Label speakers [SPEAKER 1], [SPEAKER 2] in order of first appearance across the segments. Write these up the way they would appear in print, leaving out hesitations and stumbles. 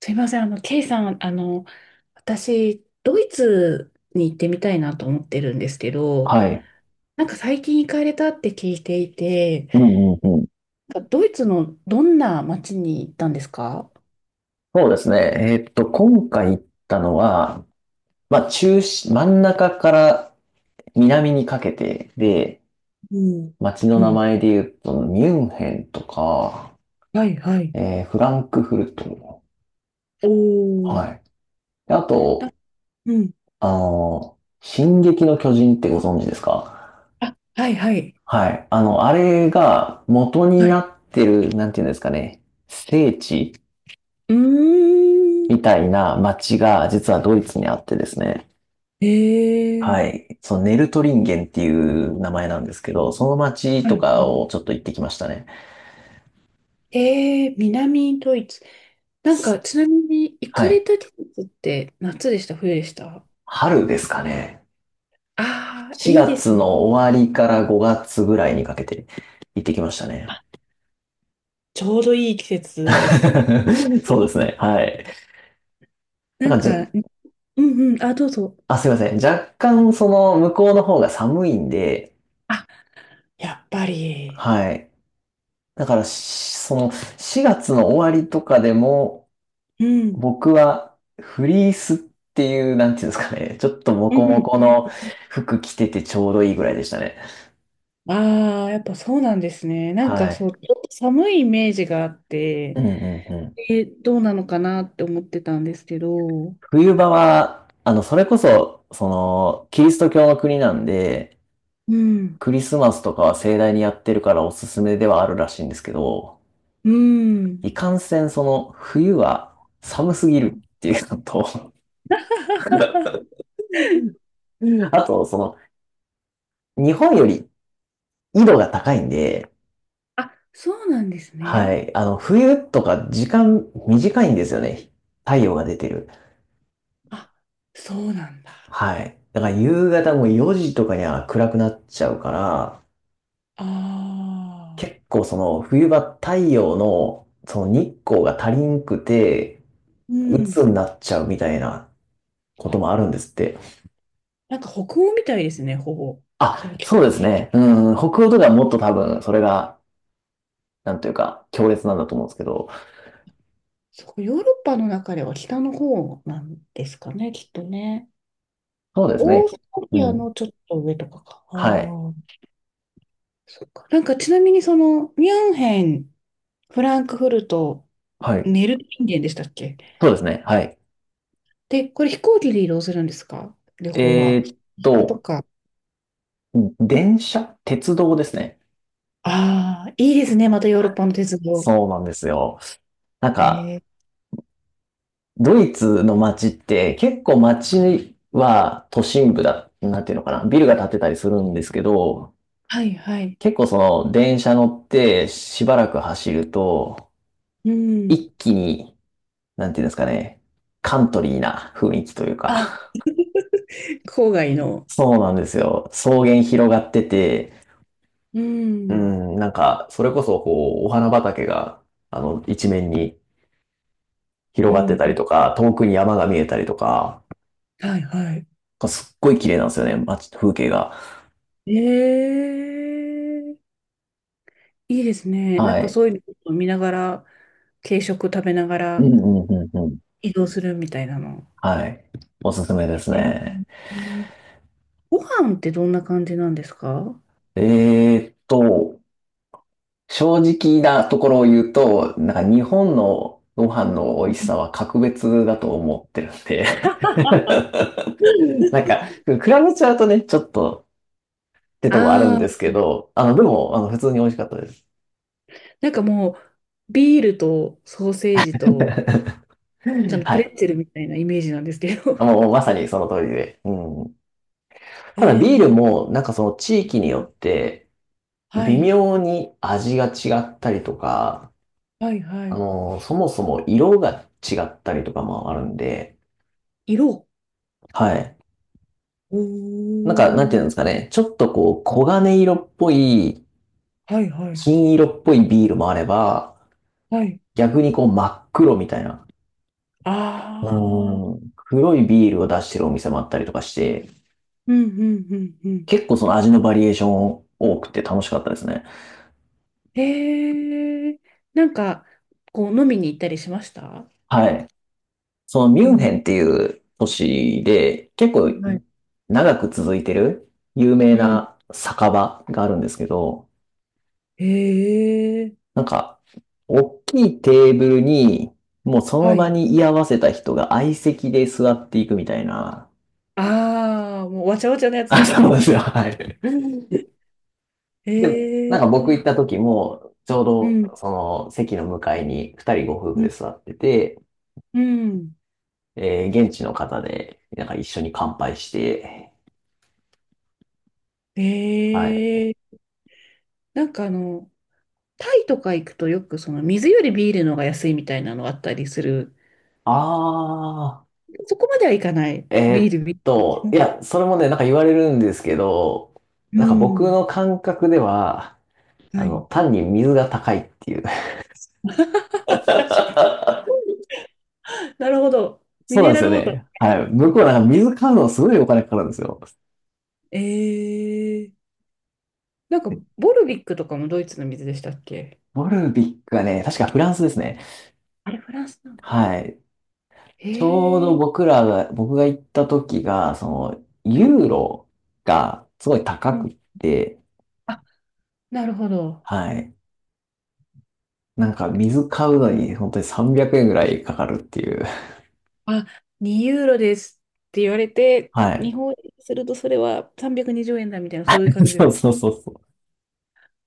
[SPEAKER 1] すいません、ケイさん、私、ドイツに行ってみたいなと思ってるんですけど、
[SPEAKER 2] はい。
[SPEAKER 1] なんか最近行かれたって聞いていて、
[SPEAKER 2] うんうんうん。
[SPEAKER 1] なんかドイツのどんな街に行ったんですか？
[SPEAKER 2] そうですね。今回行ったのは、まあ、中心、真ん中から南にかけてで、
[SPEAKER 1] うん。
[SPEAKER 2] 街の
[SPEAKER 1] う
[SPEAKER 2] 名
[SPEAKER 1] ん。
[SPEAKER 2] 前で言うと、ミュンヘンとか、
[SPEAKER 1] はい、はい。
[SPEAKER 2] フランクフルト。
[SPEAKER 1] おー。
[SPEAKER 2] はい。であ
[SPEAKER 1] な
[SPEAKER 2] と、
[SPEAKER 1] うん。
[SPEAKER 2] 進撃の巨人ってご存知ですか？
[SPEAKER 1] あ、はい、はい。
[SPEAKER 2] はい。あれが元に
[SPEAKER 1] はい。
[SPEAKER 2] なってる、なんていうんですかね、聖地
[SPEAKER 1] うーん。
[SPEAKER 2] みたいな街が実はドイツにあってですね。
[SPEAKER 1] えー。
[SPEAKER 2] はい。そのネルトリンゲンっていう名前なんですけど、その町
[SPEAKER 1] は
[SPEAKER 2] と
[SPEAKER 1] い。
[SPEAKER 2] かをちょっと行ってきましたね。
[SPEAKER 1] えー、南ドイツ。なんか、
[SPEAKER 2] す
[SPEAKER 1] ちなみに、行
[SPEAKER 2] は
[SPEAKER 1] かれ
[SPEAKER 2] い。
[SPEAKER 1] た季節って夏でした、冬でした？
[SPEAKER 2] 春ですかね。
[SPEAKER 1] ああ、いい
[SPEAKER 2] 4
[SPEAKER 1] で
[SPEAKER 2] 月
[SPEAKER 1] すね。
[SPEAKER 2] の終わりから5月ぐらいにかけて行ってきましたね。
[SPEAKER 1] ちょうどいい季節ですね。
[SPEAKER 2] そうですね。はい。
[SPEAKER 1] な
[SPEAKER 2] な
[SPEAKER 1] ん
[SPEAKER 2] んかじゃ、
[SPEAKER 1] か、うんうん、あ、どうぞ。
[SPEAKER 2] あ、すいません。若干その向こうの方が寒いんで、
[SPEAKER 1] あ、やっぱり。
[SPEAKER 2] はい。だから、その4月の終わりとかでも、
[SPEAKER 1] うん、
[SPEAKER 2] 僕はフリースっていう、なんていうんですかね。ちょっとモ
[SPEAKER 1] う
[SPEAKER 2] コモ
[SPEAKER 1] ん、
[SPEAKER 2] コ
[SPEAKER 1] うん。
[SPEAKER 2] の服着ててちょうどいいぐらいでしたね。
[SPEAKER 1] ああ、やっぱそうなんですね。なん
[SPEAKER 2] は
[SPEAKER 1] か
[SPEAKER 2] い。
[SPEAKER 1] そう、ちょっと寒いイメージがあっ
[SPEAKER 2] う
[SPEAKER 1] て、
[SPEAKER 2] んうんうん。
[SPEAKER 1] どうなのかなって思ってたんですけど、
[SPEAKER 2] 冬場は、それこそ、キリスト教の国なんで、
[SPEAKER 1] うん、
[SPEAKER 2] クリスマスとかは盛大にやってるからおすすめではあるらしいんですけど、
[SPEAKER 1] うん。
[SPEAKER 2] いかんせん冬は寒すぎるっていうのと、あと、日本より緯度が高いんで、
[SPEAKER 1] あ、そうなんです
[SPEAKER 2] は
[SPEAKER 1] ね。
[SPEAKER 2] い。冬とか時間短いんですよね。太陽が出てる。
[SPEAKER 1] あ、そうなんだ。
[SPEAKER 2] はい。だから夕方も4時とかには暗くなっちゃうから、
[SPEAKER 1] ああ
[SPEAKER 2] 結構その冬場太陽のその日光が足りんくて、
[SPEAKER 1] うん。
[SPEAKER 2] 鬱になっちゃうみたいなこと
[SPEAKER 1] あ。
[SPEAKER 2] もあるんですって。
[SPEAKER 1] なんか北欧みたいですね、ほぼ。そ
[SPEAKER 2] あ、
[SPEAKER 1] う聞
[SPEAKER 2] そ
[SPEAKER 1] く
[SPEAKER 2] うですね。うん、北欧とかはもっと多分それが、なんというか、強烈なんだと思うんですけど、
[SPEAKER 1] そう、ヨーロッパの中では北の方なんですかね、きっとね。
[SPEAKER 2] そうです
[SPEAKER 1] オー
[SPEAKER 2] ね。
[SPEAKER 1] スト
[SPEAKER 2] う
[SPEAKER 1] リア
[SPEAKER 2] ん。
[SPEAKER 1] のちょっと上とかか。あ
[SPEAKER 2] はい。
[SPEAKER 1] あ、そっか。なんかちなみにその、ミュンヘン、フランクフルト、
[SPEAKER 2] はい。
[SPEAKER 1] ネルリンゲンでしたっけ？
[SPEAKER 2] そうですね。はい。
[SPEAKER 1] で、これ飛行機で移動するんですか、旅行
[SPEAKER 2] え
[SPEAKER 1] は。
[SPEAKER 2] ーっ
[SPEAKER 1] と
[SPEAKER 2] と、
[SPEAKER 1] か。
[SPEAKER 2] 電車鉄道ですね。
[SPEAKER 1] ああ、いいですね、またヨーロッパの鉄道。
[SPEAKER 2] そうなんですよ。なんか、
[SPEAKER 1] えー
[SPEAKER 2] ドイツの街って結構街は都心部だ、なんていうのかな、ビルが建ってたりするんですけど、
[SPEAKER 1] はいはい。
[SPEAKER 2] 結構その電車乗ってしばらく走ると、
[SPEAKER 1] うん。
[SPEAKER 2] 一気に、なんていうんですかね、カントリーな雰囲気というか、
[SPEAKER 1] あ、郊外の。
[SPEAKER 2] そうなんですよ。草原広がってて、
[SPEAKER 1] う
[SPEAKER 2] う
[SPEAKER 1] ん。
[SPEAKER 2] ん、なんか、それこそこう、お花畑が、一面に広
[SPEAKER 1] う
[SPEAKER 2] がっ
[SPEAKER 1] ん
[SPEAKER 2] て
[SPEAKER 1] う
[SPEAKER 2] たり
[SPEAKER 1] ん。
[SPEAKER 2] とか、遠くに山が見えたりとか、
[SPEAKER 1] はいはい。
[SPEAKER 2] すっごい綺麗なんですよね、街、風景が。
[SPEAKER 1] ええいいですね。なん
[SPEAKER 2] は
[SPEAKER 1] か
[SPEAKER 2] い。
[SPEAKER 1] そういうのを見ながら、軽食食べなが
[SPEAKER 2] うん
[SPEAKER 1] ら
[SPEAKER 2] うんうんうん。
[SPEAKER 1] 移動するみたいなの。
[SPEAKER 2] はい。おすすめです
[SPEAKER 1] ええ
[SPEAKER 2] ね。
[SPEAKER 1] えご飯ってどんな感じなんですか？
[SPEAKER 2] えーっと、正直なところを言うと、なんか日本のご飯の美味しさ は格別だと思ってるんで なんか、比べちゃうとね、ちょっとってとこあるん
[SPEAKER 1] ああ
[SPEAKER 2] です
[SPEAKER 1] ー、
[SPEAKER 2] けど、でも、普通に美味しかったです。
[SPEAKER 1] なんかもう、ビールとソーセージと、あの
[SPEAKER 2] は
[SPEAKER 1] プレ
[SPEAKER 2] い。
[SPEAKER 1] ッツェルみたいなイメージなんですけど。
[SPEAKER 2] もう、まさにその通りで。うん。
[SPEAKER 1] え
[SPEAKER 2] ただビール
[SPEAKER 1] え。
[SPEAKER 2] もなんかその地域によって
[SPEAKER 1] は
[SPEAKER 2] 微
[SPEAKER 1] い、
[SPEAKER 2] 妙に味が違ったりとか、
[SPEAKER 1] はい、はい。
[SPEAKER 2] そもそも色が違ったりとかもあるんで、
[SPEAKER 1] 色。
[SPEAKER 2] はい。
[SPEAKER 1] お
[SPEAKER 2] なんか、なん
[SPEAKER 1] ー、
[SPEAKER 2] ていうんですかね、ちょっとこう、黄金色っぽい、
[SPEAKER 1] はい、はい、
[SPEAKER 2] 金色っぽいビールもあれば、
[SPEAKER 1] はい。
[SPEAKER 2] 逆にこう、真っ黒みたいな、
[SPEAKER 1] あ
[SPEAKER 2] う
[SPEAKER 1] あ、
[SPEAKER 2] ーん、黒いビールを出してるお店もあったりとかして、
[SPEAKER 1] うん、うん、うん、うん。
[SPEAKER 2] 結構その味のバリエーション多くて楽しかったですね。
[SPEAKER 1] ええなんか、こう、飲みに行ったりしました？
[SPEAKER 2] はい。そのミ
[SPEAKER 1] う
[SPEAKER 2] ュンヘ
[SPEAKER 1] ん。
[SPEAKER 2] ンっていう都市で結構
[SPEAKER 1] はい。
[SPEAKER 2] 長く続いてる有名
[SPEAKER 1] うん。
[SPEAKER 2] な酒場があるんですけど、
[SPEAKER 1] ええ
[SPEAKER 2] なんか大きいテーブルにもうその
[SPEAKER 1] は
[SPEAKER 2] 場
[SPEAKER 1] い。
[SPEAKER 2] に居合わせた人が相席で座っていくみたいな。
[SPEAKER 1] ああ、もうわちゃわちゃのやつで
[SPEAKER 2] あ、
[SPEAKER 1] す
[SPEAKER 2] そうで
[SPEAKER 1] ね。
[SPEAKER 2] すよ。はい。で、な
[SPEAKER 1] え
[SPEAKER 2] んか
[SPEAKER 1] え
[SPEAKER 2] 僕行った時もちょう
[SPEAKER 1] うん。
[SPEAKER 2] どその席の向かいに二人ご夫婦
[SPEAKER 1] う
[SPEAKER 2] で
[SPEAKER 1] ん。
[SPEAKER 2] 座ってて、
[SPEAKER 1] うん
[SPEAKER 2] 現地の方でなんか一緒に乾杯して、はい。
[SPEAKER 1] ええなんかあの、タイとか行くとよくその水よりビールの方が安いみたいなのあったりする。
[SPEAKER 2] ああ。
[SPEAKER 1] そこまではいかない。
[SPEAKER 2] え
[SPEAKER 1] ビー
[SPEAKER 2] ーっ
[SPEAKER 1] ル、ビー
[SPEAKER 2] い
[SPEAKER 1] ル。
[SPEAKER 2] や、それもね、なんか言われるんですけど、
[SPEAKER 1] う
[SPEAKER 2] なんか僕
[SPEAKER 1] ん。
[SPEAKER 2] の感覚では、
[SPEAKER 1] はい。
[SPEAKER 2] 単に水が高いっていう。
[SPEAKER 1] 確かに。なるほど。ミ
[SPEAKER 2] そうなん
[SPEAKER 1] ネ
[SPEAKER 2] で
[SPEAKER 1] ラ
[SPEAKER 2] すよ
[SPEAKER 1] ルウォータ
[SPEAKER 2] ね。はい。向こ
[SPEAKER 1] ー。
[SPEAKER 2] うなんか水買うのすごいお金かかるんですよ。
[SPEAKER 1] ええなんか、ボルビックとかもドイツの水でしたっけ？
[SPEAKER 2] ボルビックがね、確かフランスですね。
[SPEAKER 1] あれ、フランスなんだ。
[SPEAKER 2] はい。ちょう
[SPEAKER 1] へ
[SPEAKER 2] ど
[SPEAKER 1] え。
[SPEAKER 2] 僕が行った時が、
[SPEAKER 1] はい。
[SPEAKER 2] ユーロがすごい高
[SPEAKER 1] うん。
[SPEAKER 2] くって、
[SPEAKER 1] あ、なるほど。
[SPEAKER 2] はい。なんか水買うのに本当に300円ぐらいかかるっていう。
[SPEAKER 1] あ、2ユーロですって言われて、
[SPEAKER 2] は
[SPEAKER 1] 日
[SPEAKER 2] い。
[SPEAKER 1] 本円にするとそれは320円だみたいな、そういう感 じで
[SPEAKER 2] そ
[SPEAKER 1] す。
[SPEAKER 2] うそうそうそう。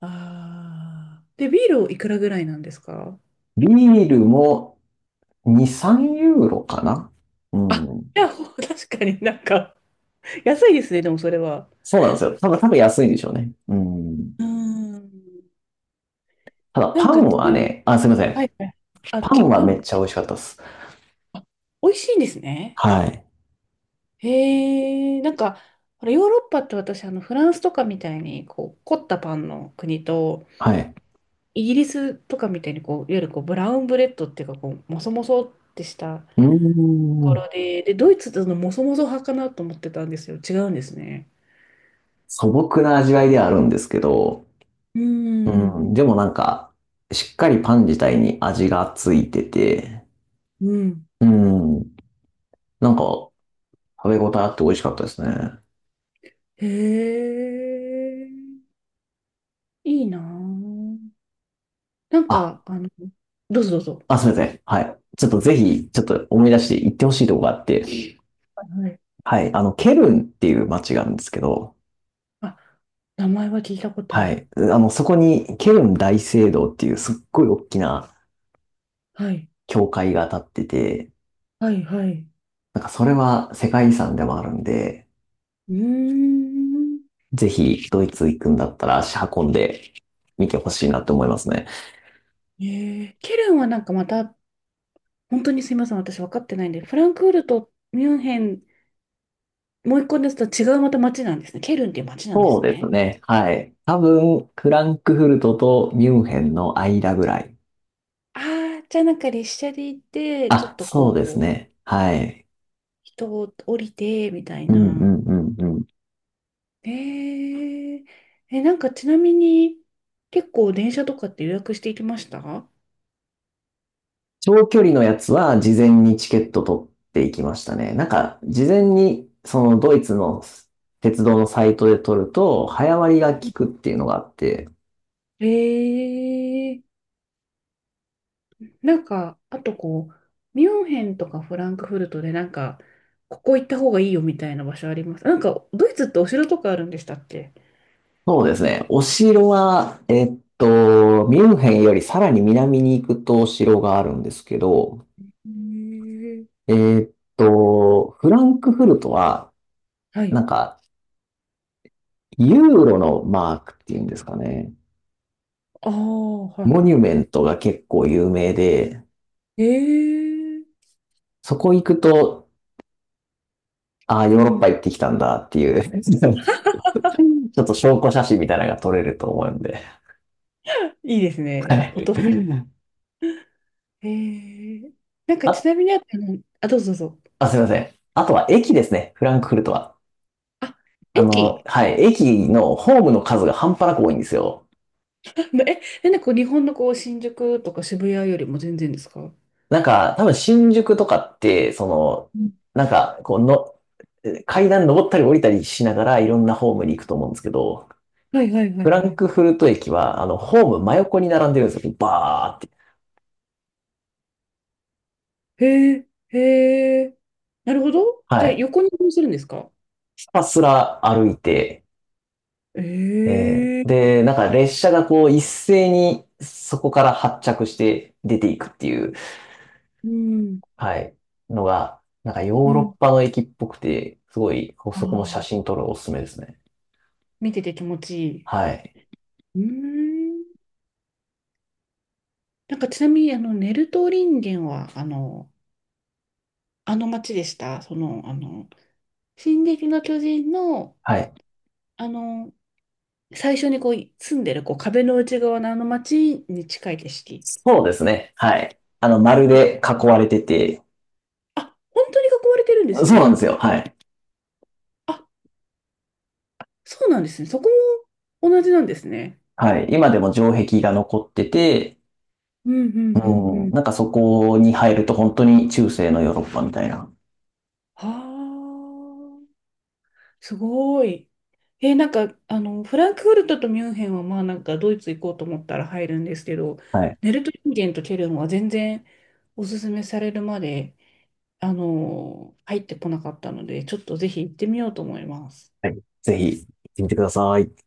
[SPEAKER 1] ああ。で、ビールいくらぐらいなんですか？
[SPEAKER 2] ビールも2、3ユーロかな。う
[SPEAKER 1] あ、
[SPEAKER 2] ん。
[SPEAKER 1] いや、確かになんか、安いですね、でもそれは。
[SPEAKER 2] そうなんですよ。多分、安いんでしょうね。うん。
[SPEAKER 1] うーん。
[SPEAKER 2] ただ、
[SPEAKER 1] なん
[SPEAKER 2] パン
[SPEAKER 1] か、ち
[SPEAKER 2] は
[SPEAKER 1] なみに、
[SPEAKER 2] ね、あ、すいません。
[SPEAKER 1] はいはい。あ、
[SPEAKER 2] パンは
[SPEAKER 1] パ
[SPEAKER 2] めっ
[SPEAKER 1] ン、
[SPEAKER 2] ちゃ美味しかったです。
[SPEAKER 1] あ、美味しいんですね。
[SPEAKER 2] はい。
[SPEAKER 1] へえ、なんか、ほらヨーロッパって私、あの、フランスとかみたいに、こう、凝ったパンの国と、
[SPEAKER 2] はい。
[SPEAKER 1] イギリスとかみたいに、こう、いわゆるこう、ブラウンブレッドっていうか、こう、もそもそってしたと
[SPEAKER 2] うー
[SPEAKER 1] こ
[SPEAKER 2] ん。
[SPEAKER 1] ろで、で、ドイツってそのもそもそ派かなと思ってたんですよ。違うんですね。
[SPEAKER 2] 素朴な味わいではあるんですけど、
[SPEAKER 1] うー
[SPEAKER 2] う
[SPEAKER 1] ん、
[SPEAKER 2] ん。でもなんか、しっかりパン自体に味がついてて、
[SPEAKER 1] うん。
[SPEAKER 2] うん。なんか、食べ応えあって美味しかったですね。
[SPEAKER 1] へえ、いいなぁ。なん
[SPEAKER 2] あ、
[SPEAKER 1] か、あの、どうぞどうぞ。
[SPEAKER 2] あ、すみません。はい。ちょっとぜひ、ちょっと思い出して行ってほしいとこがあって、
[SPEAKER 1] はい。
[SPEAKER 2] はい、ケルンっていう街があるんですけど、
[SPEAKER 1] あ、名前は聞いたことあ
[SPEAKER 2] は
[SPEAKER 1] る。
[SPEAKER 2] い、そこにケルン大聖堂っていうすっごい大きな
[SPEAKER 1] はい。
[SPEAKER 2] 教会が建ってて、
[SPEAKER 1] はい、はい。
[SPEAKER 2] なんかそれは世界遺産でもあるんで、
[SPEAKER 1] うーん。
[SPEAKER 2] ぜひドイツ行くんだったら足運んで見てほしいなって思いますね。
[SPEAKER 1] えー、ケルンはなんかまた、本当にすみません、私分かってないんで、フランクフルト、ミュンヘン、もう一個ですと違うまた町なんですね。ケルンっていう町なんで
[SPEAKER 2] そう
[SPEAKER 1] す
[SPEAKER 2] です
[SPEAKER 1] ね。
[SPEAKER 2] ね。はい。多分、フランクフルトとミュンヘンの間ぐらい。
[SPEAKER 1] ああ、じゃあなんか列車で行って、ちょ
[SPEAKER 2] あ、
[SPEAKER 1] っと
[SPEAKER 2] そ
[SPEAKER 1] こ
[SPEAKER 2] うです
[SPEAKER 1] う、
[SPEAKER 2] ね。はい。
[SPEAKER 1] 人を降りて、みたい
[SPEAKER 2] うんう
[SPEAKER 1] な。
[SPEAKER 2] んうんうん。
[SPEAKER 1] えー、なんかちなみに、結構電車とかって予約していきました？
[SPEAKER 2] 長距離のやつは事前にチケット取っていきましたね。なんか、事前にそのドイツの鉄道のサイトで取ると、早割が効くっていうのがあって、
[SPEAKER 1] えー、なんか、あとこう、ミュンヘンとかフランクフルトでなんか、ここ行った方がいいよみたいな場所あります？なんか、ドイツってお城とかあるんでしたっけ？
[SPEAKER 2] そうですね。お城は、ミュンヘンよりさらに南に行くとお城があるんですけど、
[SPEAKER 1] へー
[SPEAKER 2] えっフランクフルトは、
[SPEAKER 1] は
[SPEAKER 2] な
[SPEAKER 1] い。
[SPEAKER 2] んか、ユーロのマークっていうんですかね。
[SPEAKER 1] ああ、はい
[SPEAKER 2] モニュ
[SPEAKER 1] は
[SPEAKER 2] メントが結構有名で、
[SPEAKER 1] い。ええ。
[SPEAKER 2] そこ行くと、ああ、
[SPEAKER 1] う
[SPEAKER 2] ヨーロッパ
[SPEAKER 1] ん。
[SPEAKER 2] 行ってきたんだっていう ちょっと証拠写真みたいなのが撮れると思うんで。
[SPEAKER 1] いいです
[SPEAKER 2] は
[SPEAKER 1] ね。フォ
[SPEAKER 2] い。
[SPEAKER 1] ト。ええ。なんか、ち
[SPEAKER 2] あ、
[SPEAKER 1] なみにあの、あ、どうぞどうぞ。
[SPEAKER 2] あ、すいません。あとは駅ですね。フランクフルトは。
[SPEAKER 1] あ、駅
[SPEAKER 2] はい。駅のホームの数が半端なく多いんですよ。
[SPEAKER 1] え、え、なんかこう日本のこう、新宿とか渋谷よりも全然ですか？
[SPEAKER 2] なんか、多分新宿とかって、
[SPEAKER 1] うん
[SPEAKER 2] なんか、こうの、階段登ったり降りたりしながらいろんなホームに行くと思うんですけど、
[SPEAKER 1] はいはいは
[SPEAKER 2] フ
[SPEAKER 1] い
[SPEAKER 2] ラ
[SPEAKER 1] は
[SPEAKER 2] ン
[SPEAKER 1] い。
[SPEAKER 2] クフルト駅は、ホーム真横に並んでるんですよ。バーって。
[SPEAKER 1] へえ、へえ。なるほど。じ
[SPEAKER 2] は
[SPEAKER 1] ゃあ、
[SPEAKER 2] い。
[SPEAKER 1] 横に移動するんですか？
[SPEAKER 2] ひたすら歩いて、
[SPEAKER 1] え
[SPEAKER 2] えー
[SPEAKER 1] え、
[SPEAKER 2] で、なんか列車がこう一斉にそこから発着して出ていくっていう、
[SPEAKER 1] うん、
[SPEAKER 2] はい、のが、なんかヨ
[SPEAKER 1] う
[SPEAKER 2] ーロッ
[SPEAKER 1] ん。
[SPEAKER 2] パの駅っぽくて、すごい、
[SPEAKER 1] あ
[SPEAKER 2] そこも写
[SPEAKER 1] あ、
[SPEAKER 2] 真撮るのおすすめですね。
[SPEAKER 1] 見てて気持ちいい。
[SPEAKER 2] はい。
[SPEAKER 1] うーん。なんか、ちなみに、あの、ネルトリンゲンは、あの、あの街でした。その、あの、進撃の巨人の、
[SPEAKER 2] はい。
[SPEAKER 1] あの、最初にこう、住んでる、こう、壁の内側のあの街に近い景色。
[SPEAKER 2] そうですね。はい。丸
[SPEAKER 1] え、
[SPEAKER 2] で囲われてて、
[SPEAKER 1] あ、本当に囲われてるんです
[SPEAKER 2] そうなん
[SPEAKER 1] ね。
[SPEAKER 2] ですよ。はい。
[SPEAKER 1] あ、そうなんですね。そこも同じなんですね。
[SPEAKER 2] はい。今でも城壁が残ってて、
[SPEAKER 1] うん、うん、う
[SPEAKER 2] うん。
[SPEAKER 1] ん、
[SPEAKER 2] なんかそこに入ると本当に中世のヨーロッパみたいな。
[SPEAKER 1] はあ、すごい。え、なんか、あの、フランクフルトとミュンヘンは、まあ、なんか、ドイツ行こうと思ったら入るんですけど、
[SPEAKER 2] はい。
[SPEAKER 1] ネルトインゲンとケルンは全然おすすめされるまで、あの、入ってこなかったので、ちょっとぜひ行ってみようと思います。
[SPEAKER 2] はい。ぜひ行ってみてください。